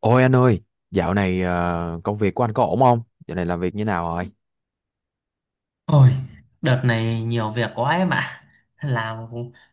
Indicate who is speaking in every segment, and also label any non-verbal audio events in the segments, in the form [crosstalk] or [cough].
Speaker 1: Ôi anh ơi, dạo này công việc của anh có ổn không? Dạo này làm việc như nào rồi?
Speaker 2: Ôi, đợt này nhiều việc quá em ạ. Làm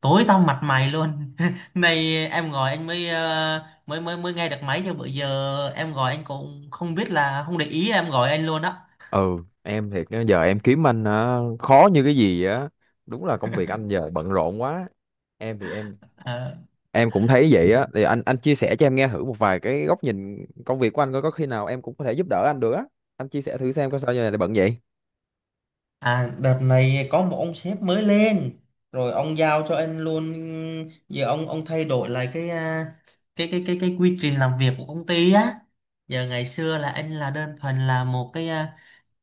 Speaker 2: tối tăm mặt mày luôn. [laughs] Nay em gọi anh mới ờ, mới mới mới nghe được máy chứ bữa giờ em gọi anh cũng không biết là không để ý em gọi anh luôn đó.
Speaker 1: Ừ, em thiệt á, giờ em kiếm anh khó như cái gì á. Đúng là công việc anh giờ bận rộn quá. Em thì em
Speaker 2: Ờ.
Speaker 1: em cũng thấy vậy á. Thì anh chia sẻ cho em nghe thử một vài cái góc nhìn công việc của anh coi có khi nào em cũng có thể giúp đỡ anh được á. Anh chia sẻ thử xem có sao giờ này lại bận vậy.
Speaker 2: À, đợt này có một ông sếp mới lên rồi ông giao cho anh luôn. Giờ ông thay đổi lại cái à, cái cái quy trình làm việc của công ty á. Giờ ngày xưa là anh là đơn thuần là một cái ờ,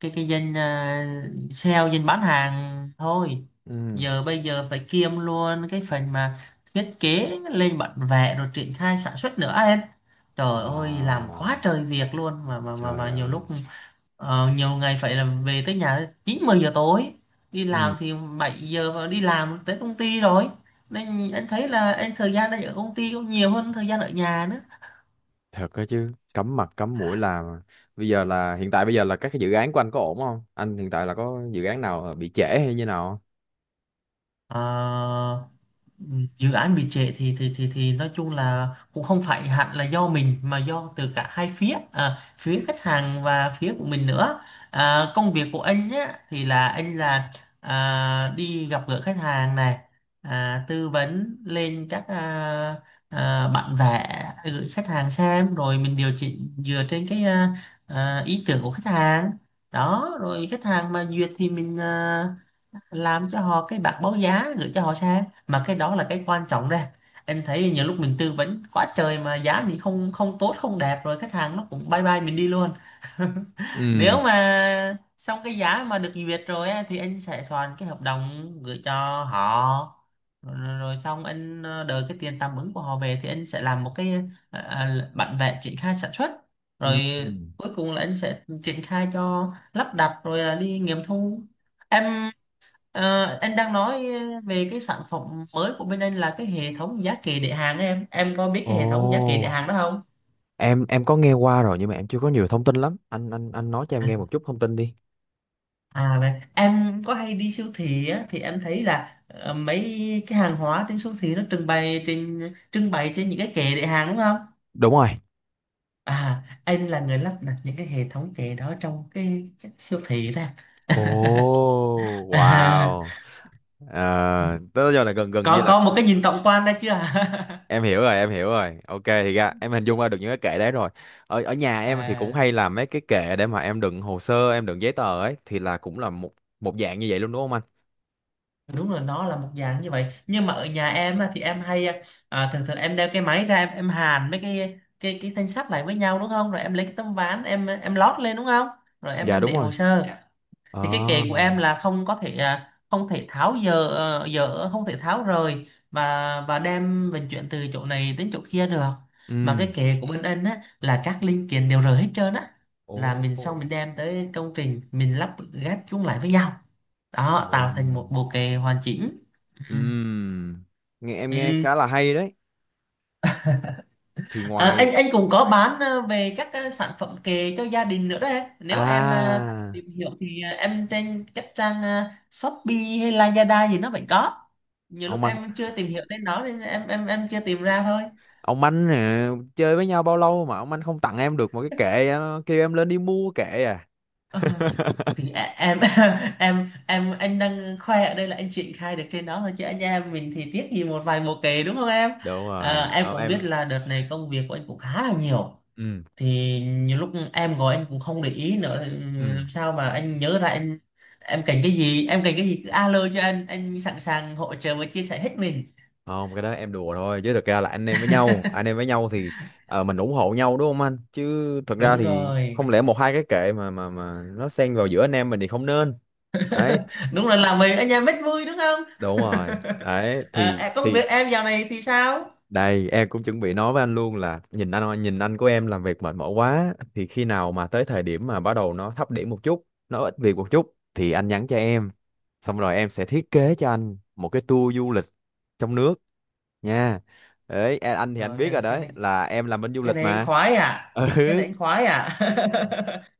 Speaker 2: cái danh, sale bán hàng thôi.
Speaker 1: Ừ.
Speaker 2: Bây giờ phải kiêm luôn cái phần mà thiết kế lên bản vẽ rồi triển khai sản xuất nữa em. Trời ơi
Speaker 1: À,
Speaker 2: làm quá trời việc luôn, mà mà mà,
Speaker 1: trời
Speaker 2: mà nhiều
Speaker 1: ơi.
Speaker 2: lúc nhiều ngày phải là về tới nhà 9, 10 giờ tối, đi
Speaker 1: Ừ.
Speaker 2: làm thì 7 giờ và đi làm tới công ty rồi. Nên anh thấy là anh thời gian đang ở công ty cũng nhiều hơn thời gian ở nhà nữa.
Speaker 1: Thật đó chứ, cắm mặt cắm mũi làm. Bây giờ là hiện tại bây giờ là các cái dự án của anh có ổn không? Anh hiện tại là có dự án nào bị trễ hay như nào không?
Speaker 2: Ờ. Dự án bị trễ thì nói chung là cũng không phải hẳn là do mình, mà do từ cả hai phía, phía khách hàng và phía của mình nữa. Công việc của anh nhá thì là anh là, đi gặp gỡ khách hàng này, tư vấn lên các, bản vẽ gửi khách hàng xem rồi mình điều chỉnh dựa trên cái, ý tưởng của khách hàng đó. Rồi khách hàng mà duyệt thì mình làm cho họ cái bạc báo giá gửi cho họ xe, mà cái đó là cái quan trọng đây. Anh thấy nhiều lúc mình tư vấn quá trời mà giá mình không không tốt không đẹp, rồi khách hàng nó cũng bye bye mình đi luôn. [laughs]
Speaker 1: Ừ.
Speaker 2: Nếu mà xong cái giá mà được duyệt rồi á, thì anh sẽ soạn cái hợp đồng gửi cho họ. Rồi, xong anh đợi cái tiền tạm ứng của họ về thì anh sẽ làm một cái, bản vẽ triển khai sản xuất.
Speaker 1: Ừ.
Speaker 2: Rồi cuối cùng là anh sẽ triển khai cho lắp đặt rồi là đi nghiệm thu em. Ờ, anh đang nói về cái sản phẩm mới của bên anh là cái hệ thống giá kệ để hàng ấy, em có biết cái hệ thống giá kệ
Speaker 1: Ồ,
Speaker 2: để hàng đó không?
Speaker 1: em có nghe qua rồi nhưng mà em chưa có nhiều thông tin lắm. Anh nói cho em
Speaker 2: à,
Speaker 1: nghe một chút thông tin đi.
Speaker 2: à vậy em có hay đi siêu thị á, thì em thấy là mấy cái hàng hóa trên siêu thị nó trưng bày trên, những cái kệ để hàng đúng không?
Speaker 1: Đúng rồi.
Speaker 2: À, anh là người lắp đặt những cái hệ thống kệ đó trong cái siêu thị đó.
Speaker 1: Ồ,
Speaker 2: [laughs] à,
Speaker 1: wow. Ờ, tới giờ là gần gần như
Speaker 2: có
Speaker 1: là
Speaker 2: có một cái nhìn tổng quan đó chưa?
Speaker 1: em hiểu rồi, ok, thì ra em hình dung ra được những cái kệ đấy rồi. Ở ở nhà
Speaker 2: [laughs]
Speaker 1: em thì cũng
Speaker 2: à
Speaker 1: hay làm mấy cái kệ để mà em đựng hồ sơ, em đựng giấy tờ ấy, thì là cũng là một một dạng như vậy luôn, đúng không anh?
Speaker 2: Đúng là nó là một dạng như vậy, nhưng mà ở nhà em á, thì em hay, thường thường em đeo cái máy ra, em hàn mấy cái thanh sắt lại với nhau đúng không, rồi em lấy cái tấm ván em lót lên đúng không, rồi em
Speaker 1: Dạ,
Speaker 2: em
Speaker 1: đúng
Speaker 2: để hồ
Speaker 1: rồi.
Speaker 2: sơ. Dạ. Thì cái
Speaker 1: Ờ.
Speaker 2: kệ của em là không có thể, không thể tháo dỡ, ờ, dỡ không thể tháo rời và đem vận chuyển từ chỗ này đến chỗ kia được. Mà cái
Speaker 1: Ừ.
Speaker 2: kệ của bên anh á là các linh kiện đều rời hết trơn á,
Speaker 1: Ồ.
Speaker 2: là mình xong mình đem tới công trình mình lắp ghép chúng lại với nhau
Speaker 1: Ồ.
Speaker 2: đó, tạo thành một bộ kệ hoàn chỉnh. Ừ.
Speaker 1: Ừ. Nghe em nghe
Speaker 2: Ừ.
Speaker 1: khá là hay đấy. Thì
Speaker 2: À,
Speaker 1: ngoài
Speaker 2: anh cũng có bán, về các, sản phẩm kệ cho gia đình nữa đấy. Nếu em
Speaker 1: à,
Speaker 2: tìm hiểu thì, em trên các trang, Shopee hay Lazada gì nó vẫn có. Nhiều lúc
Speaker 1: ông anh
Speaker 2: em chưa tìm hiểu tên nó nên em chưa tìm ra thôi.
Speaker 1: ông anh nè, chơi với nhau bao lâu mà ông anh không tặng em được một cái kệ, kêu em lên đi mua kệ à?
Speaker 2: Ờ, thì em, [laughs] anh đang khoe ở đây là anh triển khai được trên đó thôi, chứ anh em mình thì tiếc gì một vài bộ kệ đúng không em?
Speaker 1: Đúng rồi.
Speaker 2: À, em
Speaker 1: Ờ,
Speaker 2: cũng biết
Speaker 1: em.
Speaker 2: là đợt này công việc của anh cũng khá là nhiều,
Speaker 1: Ừ.
Speaker 2: thì nhiều lúc em gọi anh cũng không để ý nữa thì
Speaker 1: Ừ.
Speaker 2: làm sao mà anh nhớ ra. Anh em cần cái gì, em cần cái gì cứ alo cho anh sẵn sàng hỗ trợ và chia sẻ hết mình.
Speaker 1: Không, cái đó em đùa thôi, chứ thực ra là anh em với nhau thì mình ủng hộ nhau, đúng không anh? Chứ thực ra
Speaker 2: Đúng
Speaker 1: thì
Speaker 2: rồi.
Speaker 1: không lẽ một hai cái kệ mà nó xen vào giữa anh em mình thì không nên. Đấy.
Speaker 2: [laughs] Đúng là làm mình anh em rất vui đúng không?
Speaker 1: Đúng rồi đấy.
Speaker 2: [laughs]
Speaker 1: thì
Speaker 2: Em công
Speaker 1: thì
Speaker 2: việc em dạo này thì sao?
Speaker 1: Đây, em cũng chuẩn bị nói với anh luôn là nhìn anh, của em làm việc mệt mỏi quá, thì khi nào mà tới thời điểm mà bắt đầu nó thấp điểm một chút, nó ít việc một chút thì anh nhắn cho em. Xong rồi em sẽ thiết kế cho anh một cái tour du lịch trong nước nha. Đấy, anh thì anh
Speaker 2: Rồi
Speaker 1: biết rồi
Speaker 2: cái cái
Speaker 1: đấy,
Speaker 2: này,
Speaker 1: là em làm bên du
Speaker 2: cái
Speaker 1: lịch
Speaker 2: này anh
Speaker 1: mà. [laughs]
Speaker 2: khoái à.
Speaker 1: Ừ,
Speaker 2: Cái này anh khoái à.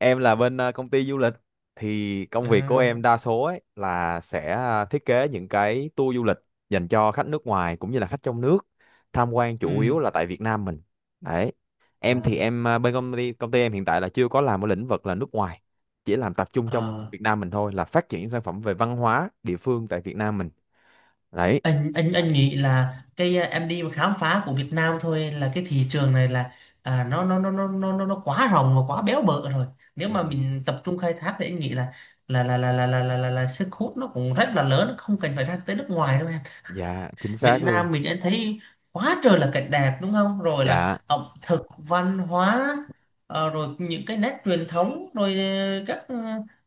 Speaker 2: [laughs]
Speaker 1: là bên công ty du lịch, thì công
Speaker 2: Ờ.
Speaker 1: việc của em đa số ấy là sẽ thiết kế những cái tour du lịch dành cho khách nước ngoài cũng như là khách trong nước, tham quan
Speaker 2: Ừ.
Speaker 1: chủ yếu là tại Việt Nam mình. Đấy. Em thì em, bên công ty em hiện tại là chưa có làm ở lĩnh vực là nước ngoài, chỉ làm tập trung trong
Speaker 2: à,
Speaker 1: Việt Nam mình thôi, là phát triển sản phẩm về văn hóa địa phương tại Việt Nam mình. Đấy.
Speaker 2: anh nghĩ là cái, em đi mà khám phá của Việt Nam thôi, là cái thị trường này là, nó quá rộng và quá béo bở rồi. Nếu
Speaker 1: Ừ.
Speaker 2: mà mình tập trung khai thác thì anh nghĩ là sức hút nó cũng rất là lớn, không cần phải ra tới nước ngoài đâu em.
Speaker 1: Dạ chính
Speaker 2: Việt
Speaker 1: xác luôn.
Speaker 2: Nam mình anh thấy quá trời là cảnh đẹp đúng không, rồi
Speaker 1: Dạ,
Speaker 2: là ẩm thực, văn hóa, rồi những cái nét truyền thống, rồi các,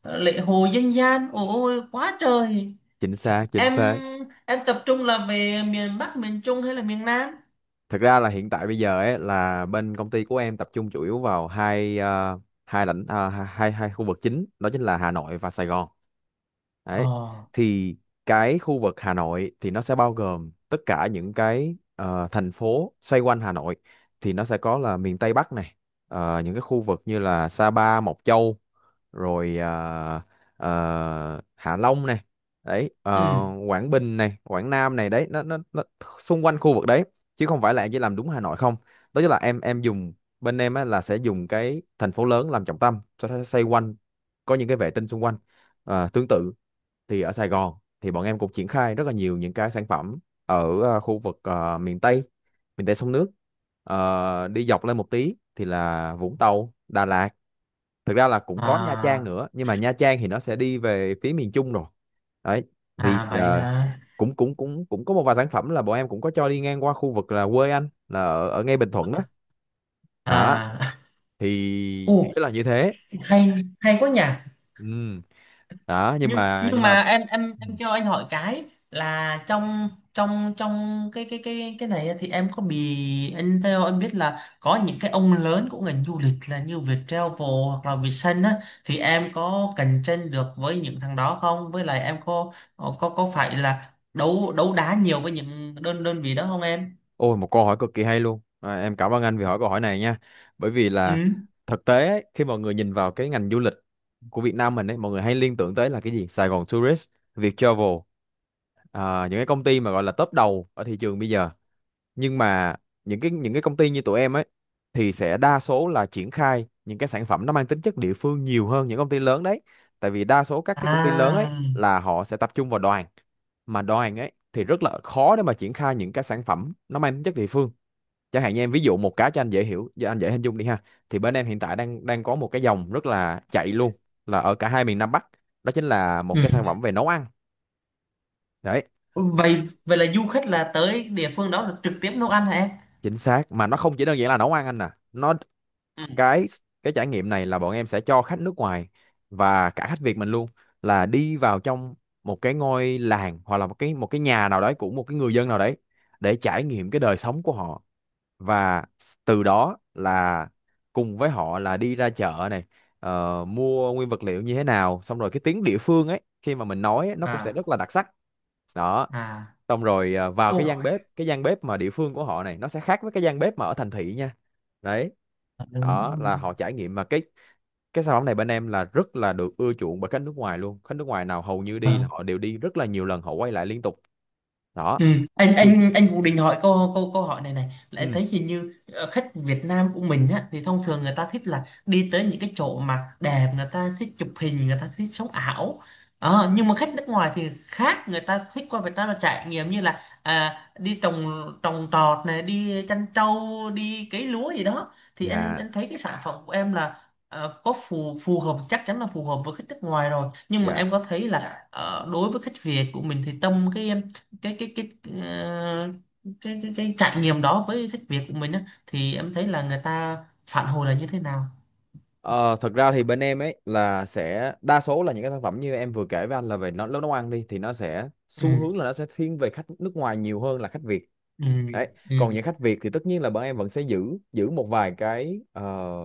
Speaker 2: lễ hội dân gian, ôi ôi, quá trời.
Speaker 1: chính xác, chính
Speaker 2: em
Speaker 1: xác.
Speaker 2: em tập trung là về miền Bắc, miền Trung hay là miền Nam?
Speaker 1: Thực ra là hiện tại bây giờ ấy, là bên công ty của em tập trung chủ yếu vào hai hai lãnh ờ, hai hai khu vực chính, đó chính là Hà Nội và Sài Gòn. Đấy.
Speaker 2: Ờ.
Speaker 1: Thì cái khu vực Hà Nội thì nó sẽ bao gồm tất cả những cái thành phố xoay quanh Hà Nội, thì nó sẽ có là miền Tây Bắc này, những cái khu vực như là Sa Pa, Mộc Châu, rồi Hạ Long này. Đấy,
Speaker 2: Ừ.
Speaker 1: Quảng Bình này, Quảng Nam này, đấy, nó xung quanh khu vực đấy, chứ không phải là em chỉ làm đúng Hà Nội không. Đó chính là em dùng, bên em á, là sẽ dùng cái thành phố lớn làm trọng tâm, sau đó xoay quanh có những cái vệ tinh xung quanh. À, tương tự thì ở Sài Gòn thì bọn em cũng triển khai rất là nhiều những cái sản phẩm ở khu vực miền Tây, miền Tây sông nước. Ờ, đi dọc lên một tí thì là Vũng Tàu, Đà Lạt. Thực ra là cũng có Nha Trang
Speaker 2: À.
Speaker 1: nữa, nhưng mà Nha Trang thì nó sẽ đi về phía miền Trung rồi. Đấy. Thì
Speaker 2: À vậy hả?
Speaker 1: cũng cũng cũng cũng có một vài sản phẩm là bọn em cũng có cho đi ngang qua khu vực là quê anh, là ở, ở ngay Bình Thuận đó. Đó
Speaker 2: À. [laughs]
Speaker 1: thì
Speaker 2: u
Speaker 1: tức là như thế.
Speaker 2: Hay, hay quá nhỉ.
Speaker 1: Ừ. Đó,
Speaker 2: nhưng nhưng
Speaker 1: nhưng mà.
Speaker 2: mà em em
Speaker 1: Ừ.
Speaker 2: em cho anh hỏi cái, là trong, trong trong cái này thì em có bị anh, theo em biết là có những cái ông lớn của ngành du lịch là như Viettravel hoặc là Vietsun á, thì em có cạnh tranh được với những thằng đó không, với lại em có, phải là đấu đấu đá nhiều với những đơn đơn vị đó không em?
Speaker 1: Ôi, một câu hỏi cực kỳ hay luôn à, em cảm ơn anh vì hỏi câu hỏi này nha. Bởi vì
Speaker 2: Ừ.
Speaker 1: là thực tế ấy, khi mọi người nhìn vào cái ngành du lịch của Việt Nam mình ấy, mọi người hay liên tưởng tới là cái gì? Sài Gòn Tourist, Viettravel, à, những cái công ty mà gọi là top đầu ở thị trường bây giờ. Nhưng mà những cái công ty như tụi em ấy thì sẽ đa số là triển khai những cái sản phẩm nó mang tính chất địa phương nhiều hơn những công ty lớn đấy. Tại vì đa số các cái công ty lớn ấy
Speaker 2: À.
Speaker 1: là họ sẽ tập trung vào đoàn, mà đoàn ấy thì rất là khó để mà triển khai những cái sản phẩm nó mang tính chất địa phương. Chẳng hạn như em ví dụ một cái cho anh dễ hiểu, cho anh dễ hình dung đi ha. Thì bên em hiện tại đang đang có một cái dòng rất là chạy luôn, là ở cả hai miền Nam Bắc, đó chính là một
Speaker 2: Ừ.
Speaker 1: cái sản phẩm về nấu ăn. Đấy.
Speaker 2: vậy vậy là du khách là tới địa phương đó là trực tiếp nấu ăn hả em?
Speaker 1: Chính xác, mà nó không chỉ đơn giản là nấu ăn anh nè. Nó,
Speaker 2: Ừ.
Speaker 1: cái trải nghiệm này là bọn em sẽ cho khách nước ngoài và cả khách Việt mình luôn, là đi vào trong một cái ngôi làng, hoặc là một cái, một cái nhà nào đấy của một cái người dân nào đấy, để trải nghiệm cái đời sống của họ. Và từ đó là cùng với họ là đi ra chợ này, mua nguyên vật liệu như thế nào, xong rồi cái tiếng địa phương ấy khi mà mình nói ấy, nó cũng sẽ
Speaker 2: À.
Speaker 1: rất là đặc sắc. Đó.
Speaker 2: À.
Speaker 1: Xong rồi vào
Speaker 2: Ồ.
Speaker 1: cái gian bếp, cái gian bếp mà địa phương của họ này, nó sẽ khác với cái gian bếp mà ở thành thị nha. Đấy.
Speaker 2: Ờ, đúng
Speaker 1: Đó
Speaker 2: rồi.
Speaker 1: là họ trải nghiệm. Mà cái sản phẩm này bên em là rất là được ưa chuộng bởi khách nước ngoài luôn. Khách nước ngoài nào hầu như
Speaker 2: Ờ.
Speaker 1: đi là họ đều đi rất là nhiều lần, họ quay lại liên tục. Đó
Speaker 2: Ừ. Anh
Speaker 1: thì.
Speaker 2: anh anh Vũ định hỏi câu câu câu hỏi này này là anh
Speaker 1: Ừ.
Speaker 2: thấy hình như, khách Việt Nam của mình á thì thông thường người ta thích là đi tới những cái chỗ mà đẹp, người ta thích chụp hình, người ta thích sống ảo. Ờ, nhưng mà khách nước ngoài thì khác, người ta thích qua Việt Nam là trải nghiệm như là, đi trồng trồng trọt này, đi chăn trâu, đi cấy lúa gì đó. Thì anh
Speaker 1: Dạ.
Speaker 2: anh thấy cái sản phẩm của em là, có phù phù hợp, chắc chắn là phù hợp với khách nước ngoài rồi. Nhưng mà
Speaker 1: Dạ.
Speaker 2: em có thấy là, đối với khách Việt của mình thì tâm cái ờ, cái trải nghiệm đó với thách việc của mình á thì em thấy là người ta phản hồi là như thế nào?
Speaker 1: Ờ, thật ra thì bên em ấy là sẽ đa số là những cái sản phẩm như em vừa kể với anh là về nó, nấu nấu ăn đi, thì nó sẽ xu
Speaker 2: Ừ.
Speaker 1: hướng là nó sẽ thiên về khách nước ngoài nhiều hơn là khách Việt.
Speaker 2: Ừ.
Speaker 1: Đấy.
Speaker 2: Ừ.
Speaker 1: Còn những khách Việt thì tất nhiên là bọn em vẫn sẽ giữ giữ một vài cái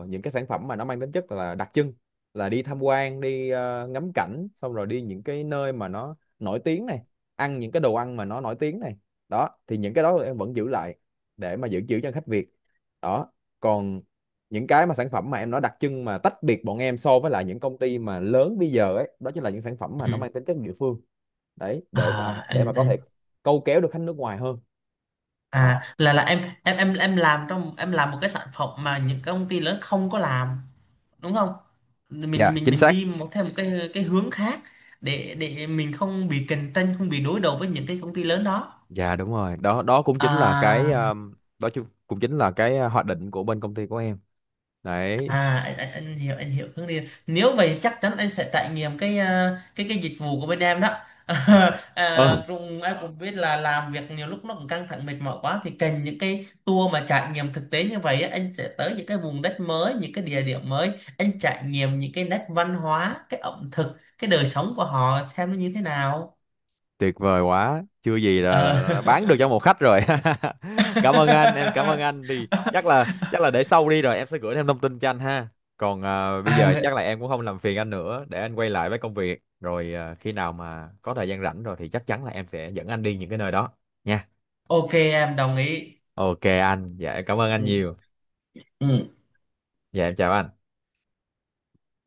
Speaker 1: những cái sản phẩm mà nó mang tính chất là đặc trưng, là đi tham quan, đi ngắm cảnh, xong rồi đi những cái nơi mà nó nổi tiếng này, ăn những cái đồ ăn mà nó nổi tiếng này. Đó thì những cái đó em vẫn giữ lại để mà giữ giữ cho khách Việt. Đó. Còn những cái mà sản phẩm mà em nói đặc trưng mà tách biệt bọn em so với lại những công ty mà lớn bây giờ ấy, đó chính là những sản phẩm mà nó
Speaker 2: Ừ.
Speaker 1: mang tính chất địa phương. Đấy, để mà
Speaker 2: à
Speaker 1: có
Speaker 2: anh
Speaker 1: thể câu kéo được khách nước ngoài hơn.
Speaker 2: à
Speaker 1: Đó.
Speaker 2: là em làm trong, làm một cái sản phẩm mà những cái công ty lớn không có làm đúng không?
Speaker 1: Dạ,
Speaker 2: Mình
Speaker 1: chính
Speaker 2: mình
Speaker 1: xác.
Speaker 2: đi một theo một cái hướng khác, để mình không bị cạnh tranh, không bị đối đầu với những cái công ty lớn đó.
Speaker 1: Dạ đúng rồi. Đó, đó cũng chính là cái
Speaker 2: à
Speaker 1: cũng chính là cái hoạch định của bên công ty của em. Đấy.
Speaker 2: À anh, anh, anh hiểu anh hiểu hướng đi. Nếu vậy chắc chắn anh sẽ trải nghiệm cái, cái dịch vụ của bên em đó.
Speaker 1: Ừ.
Speaker 2: [laughs] à,
Speaker 1: Ờ,
Speaker 2: cũng Em cũng biết là làm việc nhiều lúc nó cũng căng thẳng mệt mỏi quá, thì cần những cái tour mà trải nghiệm thực tế như vậy á, anh sẽ tới những cái vùng đất mới, những cái địa điểm mới, anh trải nghiệm những cái nét văn hóa, cái ẩm thực, cái đời sống của họ xem nó như thế nào.
Speaker 1: tuyệt vời quá, chưa gì là, là,
Speaker 2: Ờ.
Speaker 1: là bán được cho một khách rồi. [laughs] Cảm ơn anh, em cảm
Speaker 2: [laughs]
Speaker 1: ơn anh. Thì chắc là để sau đi rồi em sẽ gửi thêm thông tin cho anh ha. Còn bây giờ chắc
Speaker 2: à,
Speaker 1: là em cũng không làm phiền anh nữa, để anh quay lại với công việc. Rồi khi nào mà có thời gian rảnh rồi thì chắc chắn là em sẽ dẫn anh đi những cái nơi đó nha.
Speaker 2: OK em đồng ý.
Speaker 1: Ok anh, dạ em cảm ơn
Speaker 2: Ừ.
Speaker 1: anh nhiều.
Speaker 2: Ừ.
Speaker 1: Dạ em chào anh.